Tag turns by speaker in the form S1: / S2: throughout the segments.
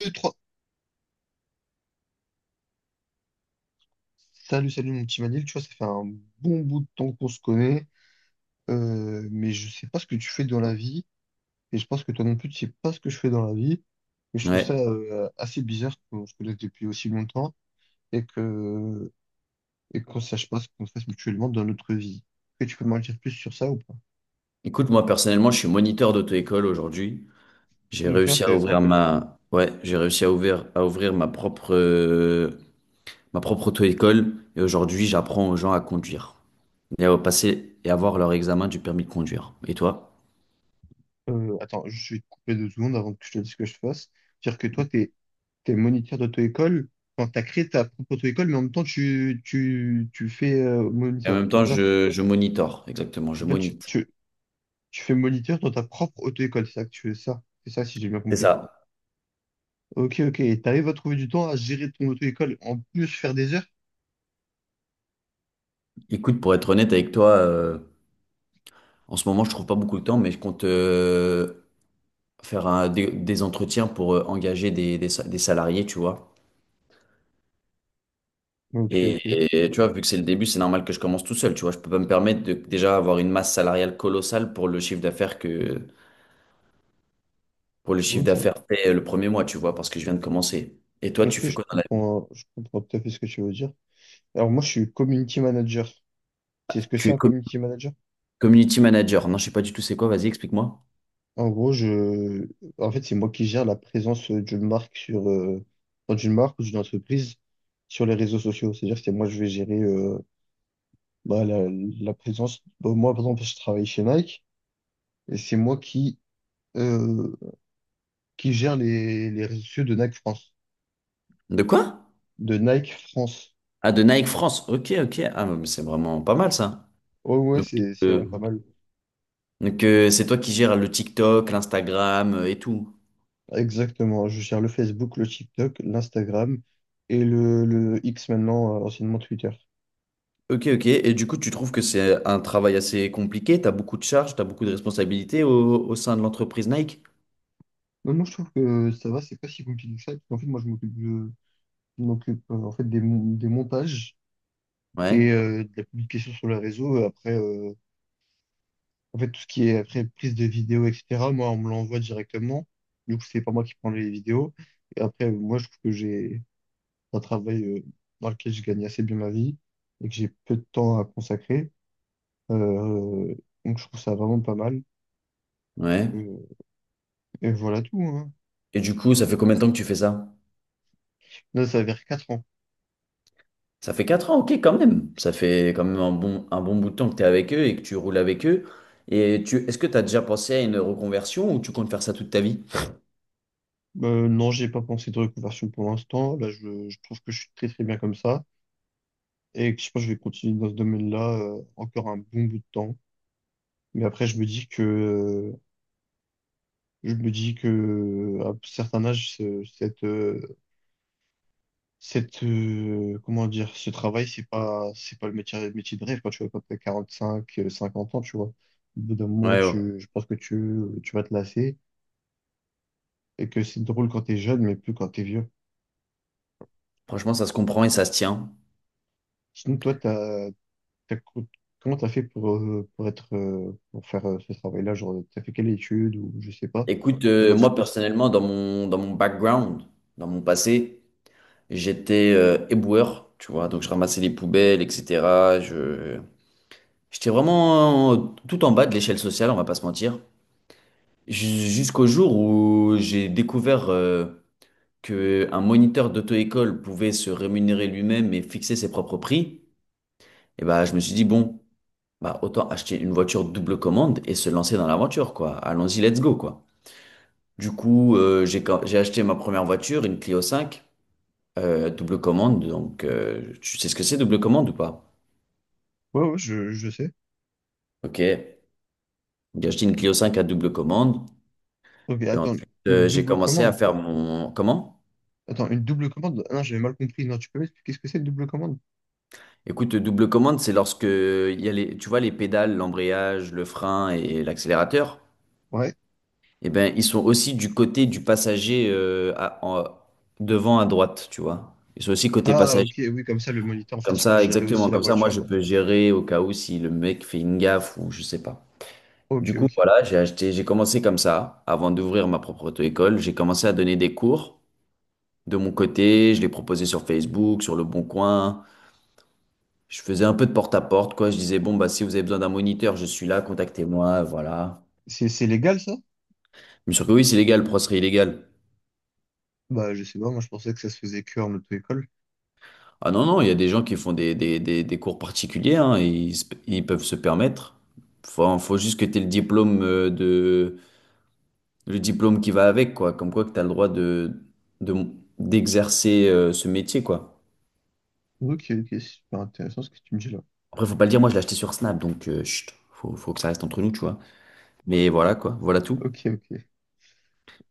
S1: Deux, trois. Salut, salut mon petit Manil, tu vois, ça fait un bon bout de temps qu'on se connaît, mais je sais pas ce que tu fais dans la vie, et je pense que toi non plus, tu sais pas ce que je fais dans la vie, et je trouve ça
S2: Ouais.
S1: assez bizarre qu'on se connaisse depuis aussi longtemps et que et qu'on sache pas ce qu'on fasse mutuellement dans notre vie. Est-ce que tu peux m'en dire plus sur ça ou pas?
S2: Écoute, moi personnellement, je suis moniteur d'auto-école aujourd'hui. J'ai
S1: Ok,
S2: réussi à
S1: intéressant.
S2: ouvrir ouais, j'ai réussi à ouvrir ma propre auto-école. Et aujourd'hui, j'apprends aux gens à conduire et à passer et avoir leur examen du permis de conduire. Et toi?
S1: Attends, je vais te couper deux secondes avant que je te dise ce que je fasse. Dire que toi, t'es moniteur d'auto-école, enfin, t'as créé ta propre auto-école, mais en même temps, tu fais
S2: Et en
S1: moniteur,
S2: même temps,
S1: c'est ça?
S2: je monitore, exactement, je
S1: En fait, tu,
S2: monite.
S1: tu, tu fais moniteur dans ta propre auto-école, c'est ça que tu fais ça. C'est ça, si j'ai bien
S2: C'est
S1: compris.
S2: ça.
S1: Ok, ok, et t'arrives à trouver du temps à gérer ton auto-école, en plus faire des heures?
S2: Écoute, pour être honnête avec toi, en ce moment, je trouve pas beaucoup de temps, mais je compte faire des entretiens pour engager des salariés, tu vois.
S1: Ok,
S2: Et,
S1: ok,
S2: et tu vois, vu que c'est le début, c'est normal que je commence tout seul. Tu vois, je peux pas me permettre de déjà avoir une masse salariale colossale pour le chiffre
S1: ok.
S2: d'affaires fait le premier mois, tu vois, parce que je viens de commencer. Et toi,
S1: Ok,
S2: tu fais quoi dans la vie?
S1: je comprends tout à fait ce que tu veux dire. Alors, moi, je suis community manager. Tu sais ce que
S2: Tu
S1: c'est
S2: es
S1: un community manager?
S2: community manager. Non, je sais pas du tout c'est quoi. Vas-y, explique-moi.
S1: En gros, en fait, c'est moi qui gère la présence d'une marque sur, enfin, d'une marque ou d'une entreprise sur les réseaux sociaux. C'est-à-dire que c'est moi, je vais gérer, bah, la présence. Bah, moi, par exemple, je travaille chez Nike et c'est moi euh, qui gère les réseaux sociaux de Nike France.
S2: De quoi?
S1: De Nike France.
S2: Ah, de Nike France. Ok, ok. Ah, mais c'est vraiment pas mal ça.
S1: Oh, ouais,
S2: Donc,
S1: c'est vraiment
S2: euh,
S1: pas mal.
S2: donc, c'est toi qui gères le TikTok, l'Instagram et tout.
S1: Exactement. Je gère le Facebook, le TikTok, l'Instagram et le X maintenant, anciennement Twitter.
S2: Ok, ok. Et du coup, tu trouves que c'est un travail assez compliqué? Tu as beaucoup de charges, tu as beaucoup de responsabilités au sein de l'entreprise Nike?
S1: Non, moi, je trouve que ça va, c'est pas si compliqué que ça. En fait, moi, je m'occupe en fait des montages et
S2: Ouais,
S1: de la publication sur le réseau. Après, en fait, tout ce qui est après prise de vidéo, etc., moi, on me l'envoie directement. Du coup, c'est pas moi qui prends les vidéos. Et après, moi, je trouve que j'ai un travail dans lequel je gagne assez bien ma vie et que j'ai peu de temps à consacrer. Euh, euh, donc, je trouve ça vraiment pas mal.
S2: ouais.
S1: Euh, et voilà tout, hein.
S2: Et du coup, ça fait combien de temps que tu fais ça?
S1: Là, ça va vers 4 ans.
S2: Ça fait 4 ans, ok, quand même. Ça fait quand même un bon bout de temps que tu es avec eux et que tu roules avec eux. Est-ce que tu as déjà pensé à une reconversion ou tu comptes faire ça toute ta vie?
S1: Non, j'ai pas pensé de reconversion pour l'instant. Là, je trouve que je suis très très bien comme ça. Et que je pense que je vais continuer dans ce domaine-là encore un bon bout de temps. Mais après, je me dis que à un certain âge, comment dire, ce travail, c'est pas le métier de rêve. Quand tu vois, quand t'as 45, 50 ans, tu vois, au bout d'un moment,
S2: Ouais, ouais.
S1: je pense que tu vas te lasser et que c'est drôle quand t'es jeune, mais plus quand t'es vieux.
S2: Franchement, ça se comprend et ça se tient.
S1: Sinon, toi, t'as, co- comment t'as fait pour faire ce travail-là? Genre, t'as fait quelle étude ou je sais pas.
S2: Écoute,
S1: Tu peux m'en dire
S2: moi
S1: plus?
S2: personnellement, dans mon background, dans mon passé, j'étais éboueur, tu vois, donc je ramassais les poubelles, etc. J'étais vraiment tout en bas de l'échelle sociale, on va pas se mentir. Jusqu'au jour où j'ai découvert que un moniteur d'auto-école pouvait se rémunérer lui-même et fixer ses propres prix. Et bah, je me suis dit, bon, bah, autant acheter une voiture double commande et se lancer dans l'aventure, quoi. Allons-y, let's go, quoi. Du coup, j'ai acheté ma première voiture, une Clio 5, double commande. Donc, tu sais ce que c'est, double commande ou pas?
S1: Ouais, ouais, je sais.
S2: Ok. J'ai acheté une Clio 5 à double commande.
S1: Ok,
S2: Et
S1: attends,
S2: ensuite,
S1: une
S2: j'ai
S1: double
S2: commencé
S1: commande.
S2: Comment?
S1: Attends, une double commande? Ah non, j'avais mal compris. Non, tu peux m'expliquer ce que c'est une double commande?
S2: Écoute, double commande, c'est lorsque il y a les, tu vois, les pédales, l'embrayage, le frein et l'accélérateur.
S1: Ouais.
S2: Eh ben, ils sont aussi du côté du passager devant à droite, tu vois. Ils sont aussi côté
S1: Ah,
S2: passager.
S1: ok, oui, comme ça, le moniteur, en fait,
S2: Comme
S1: il peut
S2: ça,
S1: gérer aussi
S2: exactement.
S1: la
S2: Comme ça, moi,
S1: voiture.
S2: je peux gérer au cas où si le mec fait une gaffe ou je sais pas.
S1: Ok,
S2: Du coup,
S1: ok.
S2: voilà, j'ai commencé comme ça. Avant d'ouvrir ma propre auto-école, j'ai commencé à donner des cours de mon côté, je les proposais sur Facebook, sur Le Bon Coin. Je faisais un peu de porte-à-porte, quoi. Je disais, bon, bah, si vous avez besoin d'un moniteur, je suis là, contactez-moi, voilà.
S1: C'est légal, ça?
S2: Mais sûr que oui, c'est légal, Pro serait illégal.
S1: Bah, je sais pas, moi, je pensais que ça se faisait que en auto-école.
S2: Ah non, non, il y a des gens qui font des cours particuliers, hein, et ils peuvent se permettre. Faut juste que tu aies le diplôme le diplôme qui va avec, quoi. Comme quoi que tu as le droit de, d'exercer ce métier, quoi.
S1: Ok, ok, super intéressant ce que tu me dis là.
S2: Après, faut pas le dire, moi, je l'ai acheté sur Snap, donc, chut, faut que ça reste entre nous, tu vois. Mais voilà, quoi, voilà tout.
S1: Ok, ok.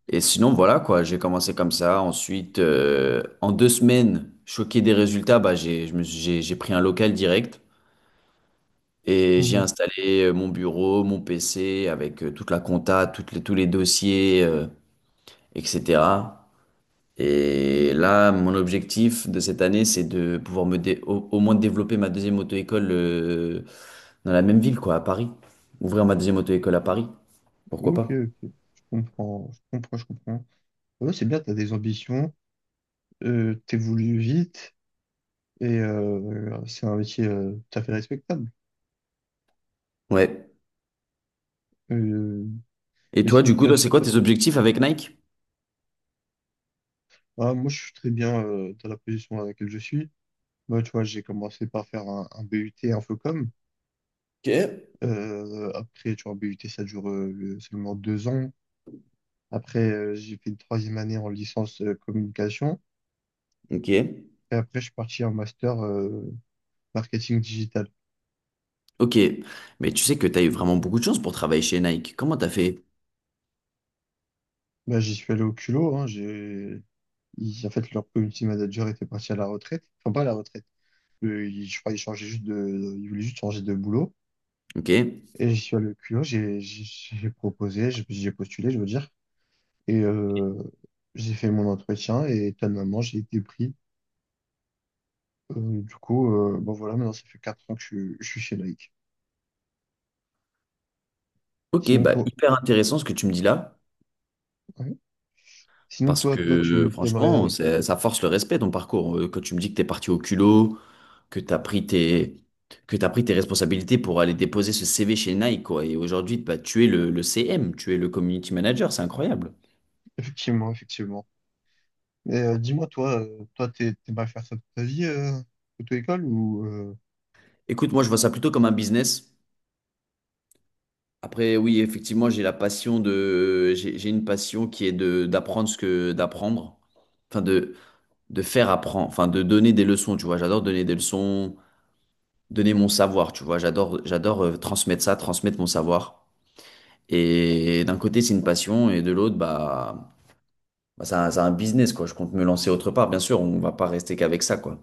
S2: Et sinon, voilà quoi, j'ai commencé comme ça. Ensuite, en deux semaines, choqué des résultats, bah, j'ai, je me suis- j'ai pris un local direct et j'ai
S1: Mhm.
S2: installé mon bureau, mon PC avec toute la compta, tous les dossiers, etc. Et là, mon objectif de cette année, c'est de pouvoir au moins développer ma deuxième auto-école dans la même ville, quoi, à Paris. Ouvrir ma deuxième auto-école à Paris. Pourquoi
S1: Ok,
S2: pas?
S1: ok. Je comprends, je comprends, je comprends. Ouais, c'est bien, t'as des ambitions, t'évolues vite, et c'est un métier tout à fait respectable.
S2: Ouais.
S1: Euh,
S2: Et
S1: mais
S2: toi,
S1: sinon,
S2: du coup,
S1: toi.
S2: toi, c'est quoi tes objectifs avec Nike?
S1: Ah, moi, je suis très bien dans la position dans laquelle je suis. Moi, tu vois, j'ai commencé par faire un BUT Infocom.
S2: Ok.
S1: Après, tu vois, BUT, ça dure seulement deux ans. Après, j'ai fait une troisième année en licence communication.
S2: Ok,
S1: Et après, je suis parti en master marketing digital.
S2: ok. Mais tu sais que tu as eu vraiment beaucoup de chance pour travailler chez Nike. Comment t'as fait?
S1: Bah, j'y suis allé au culot. Hein, en fait, leur community manager était parti à la retraite. Enfin, pas à la retraite. Je crois qu'il changeait juste Il voulait juste changer de boulot.
S2: Ok,
S1: Et j'y suis allé au culot. J'ai proposé, j'ai postulé, je veux dire. Et j'ai fait mon entretien et étonnamment, j'ai été pris. Du coup, bon voilà, maintenant ça fait 4 ans que je suis chez Nike.
S2: ok,
S1: Sinon
S2: bah
S1: toi,
S2: hyper intéressant ce que tu me dis là,
S1: ouais. Sinon
S2: parce
S1: toi,
S2: que
S1: tu
S2: franchement,
S1: t'aimerais.
S2: ça force le respect ton parcours. Quand tu me dis que t'es parti au culot, que t'as pris tes, que t'as pris tes responsabilités pour aller déposer ce CV chez Nike, quoi. Et aujourd'hui, bah, tu es le CM, tu es le community manager, c'est incroyable.
S1: Effectivement, effectivement. Mais dis-moi toi, toi, t'aimerais faire ça toute ta vie, auto-école ou.
S2: Écoute, moi je vois ça plutôt comme un business. Après, oui, effectivement, j'ai une passion qui est de d'apprendre ce que d'apprendre, enfin de faire apprendre, enfin de donner des leçons, tu vois. J'adore donner des leçons, donner mon savoir, tu vois. J'adore transmettre ça, transmettre mon savoir. Et d'un côté, c'est une passion, et de l'autre, bah c'est un business, quoi. Je compte me lancer autre part, bien sûr. On va pas rester qu'avec ça, quoi.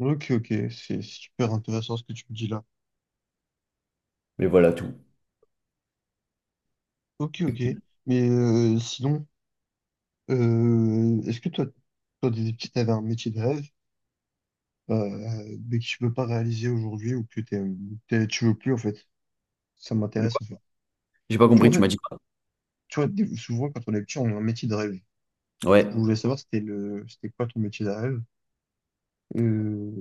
S1: Ok, ok, c'est super intéressant ce que tu me dis là.
S2: Mais voilà tout.
S1: Ok, ok. Mais sinon, est-ce que toi, t'avais un métier de rêve? Mais que tu peux pas réaliser aujourd'hui ou que tu veux plus en fait. Ça
S2: Du
S1: m'intéresse
S2: coup,
S1: en fait.
S2: j'ai pas
S1: Tu
S2: compris.
S1: vois, en
S2: Tu
S1: fait,
S2: m'as dit quoi?
S1: tu vois, souvent quand on est petit, on a un métier de rêve. Du
S2: Ouais.
S1: coup, je voulais savoir c'était quoi ton métier de rêve. Euh,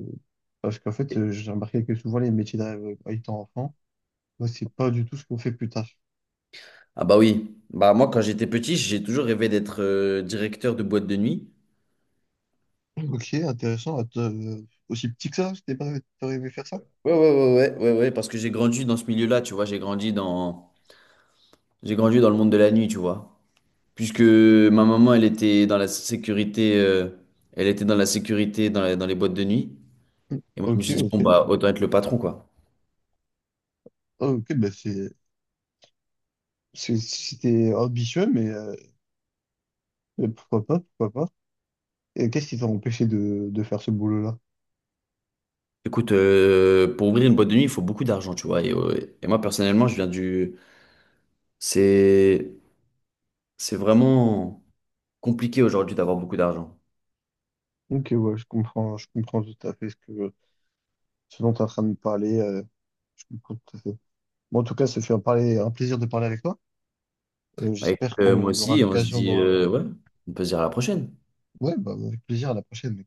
S1: parce qu'en fait, j'ai remarqué que souvent les métiers de rêve étant enfant, bah, c'est pas du tout ce qu'on fait plus tard.
S2: Ah bah oui. Bah moi, quand j'étais petit, j'ai toujours rêvé d'être directeur de boîte de nuit.
S1: Ok, intéressant. Aussi petit que ça, c'était pas, t'aurais aimé faire ça?
S2: Ouais, ouais, ouais, ouais, ouais, ouais, parce que j'ai grandi dans ce milieu-là, tu vois, j'ai grandi dans le monde de la nuit, tu vois. Puisque ma maman, elle était dans la sécurité, elle était dans la sécurité dans les boîtes de nuit. Et moi, je
S1: Ok,
S2: me suis dit, bon,
S1: ok.
S2: bah, autant être le patron, quoi.
S1: Ok, bah c'était ambitieux, mais pourquoi pas, pourquoi pas. Et qu'est-ce qui t'a empêché de faire ce boulot-là?
S2: Écoute, pour ouvrir une boîte de nuit, il faut beaucoup d'argent, tu vois. Et moi, personnellement, c'est, c'est vraiment compliqué aujourd'hui d'avoir beaucoup d'argent.
S1: Ok, ouais, je comprends tout à fait ce dont tu es en train de me parler. Je comprends tout à fait. Bon, en tout cas, ça fait un plaisir de parler avec toi. Euh,
S2: Bah, écoute,
S1: j'espère
S2: moi
S1: qu'on aura
S2: aussi, on se
S1: l'occasion
S2: dit,
S1: de...
S2: ouais, on peut se dire à la prochaine.
S1: Ouais, bah, avec plaisir à la prochaine.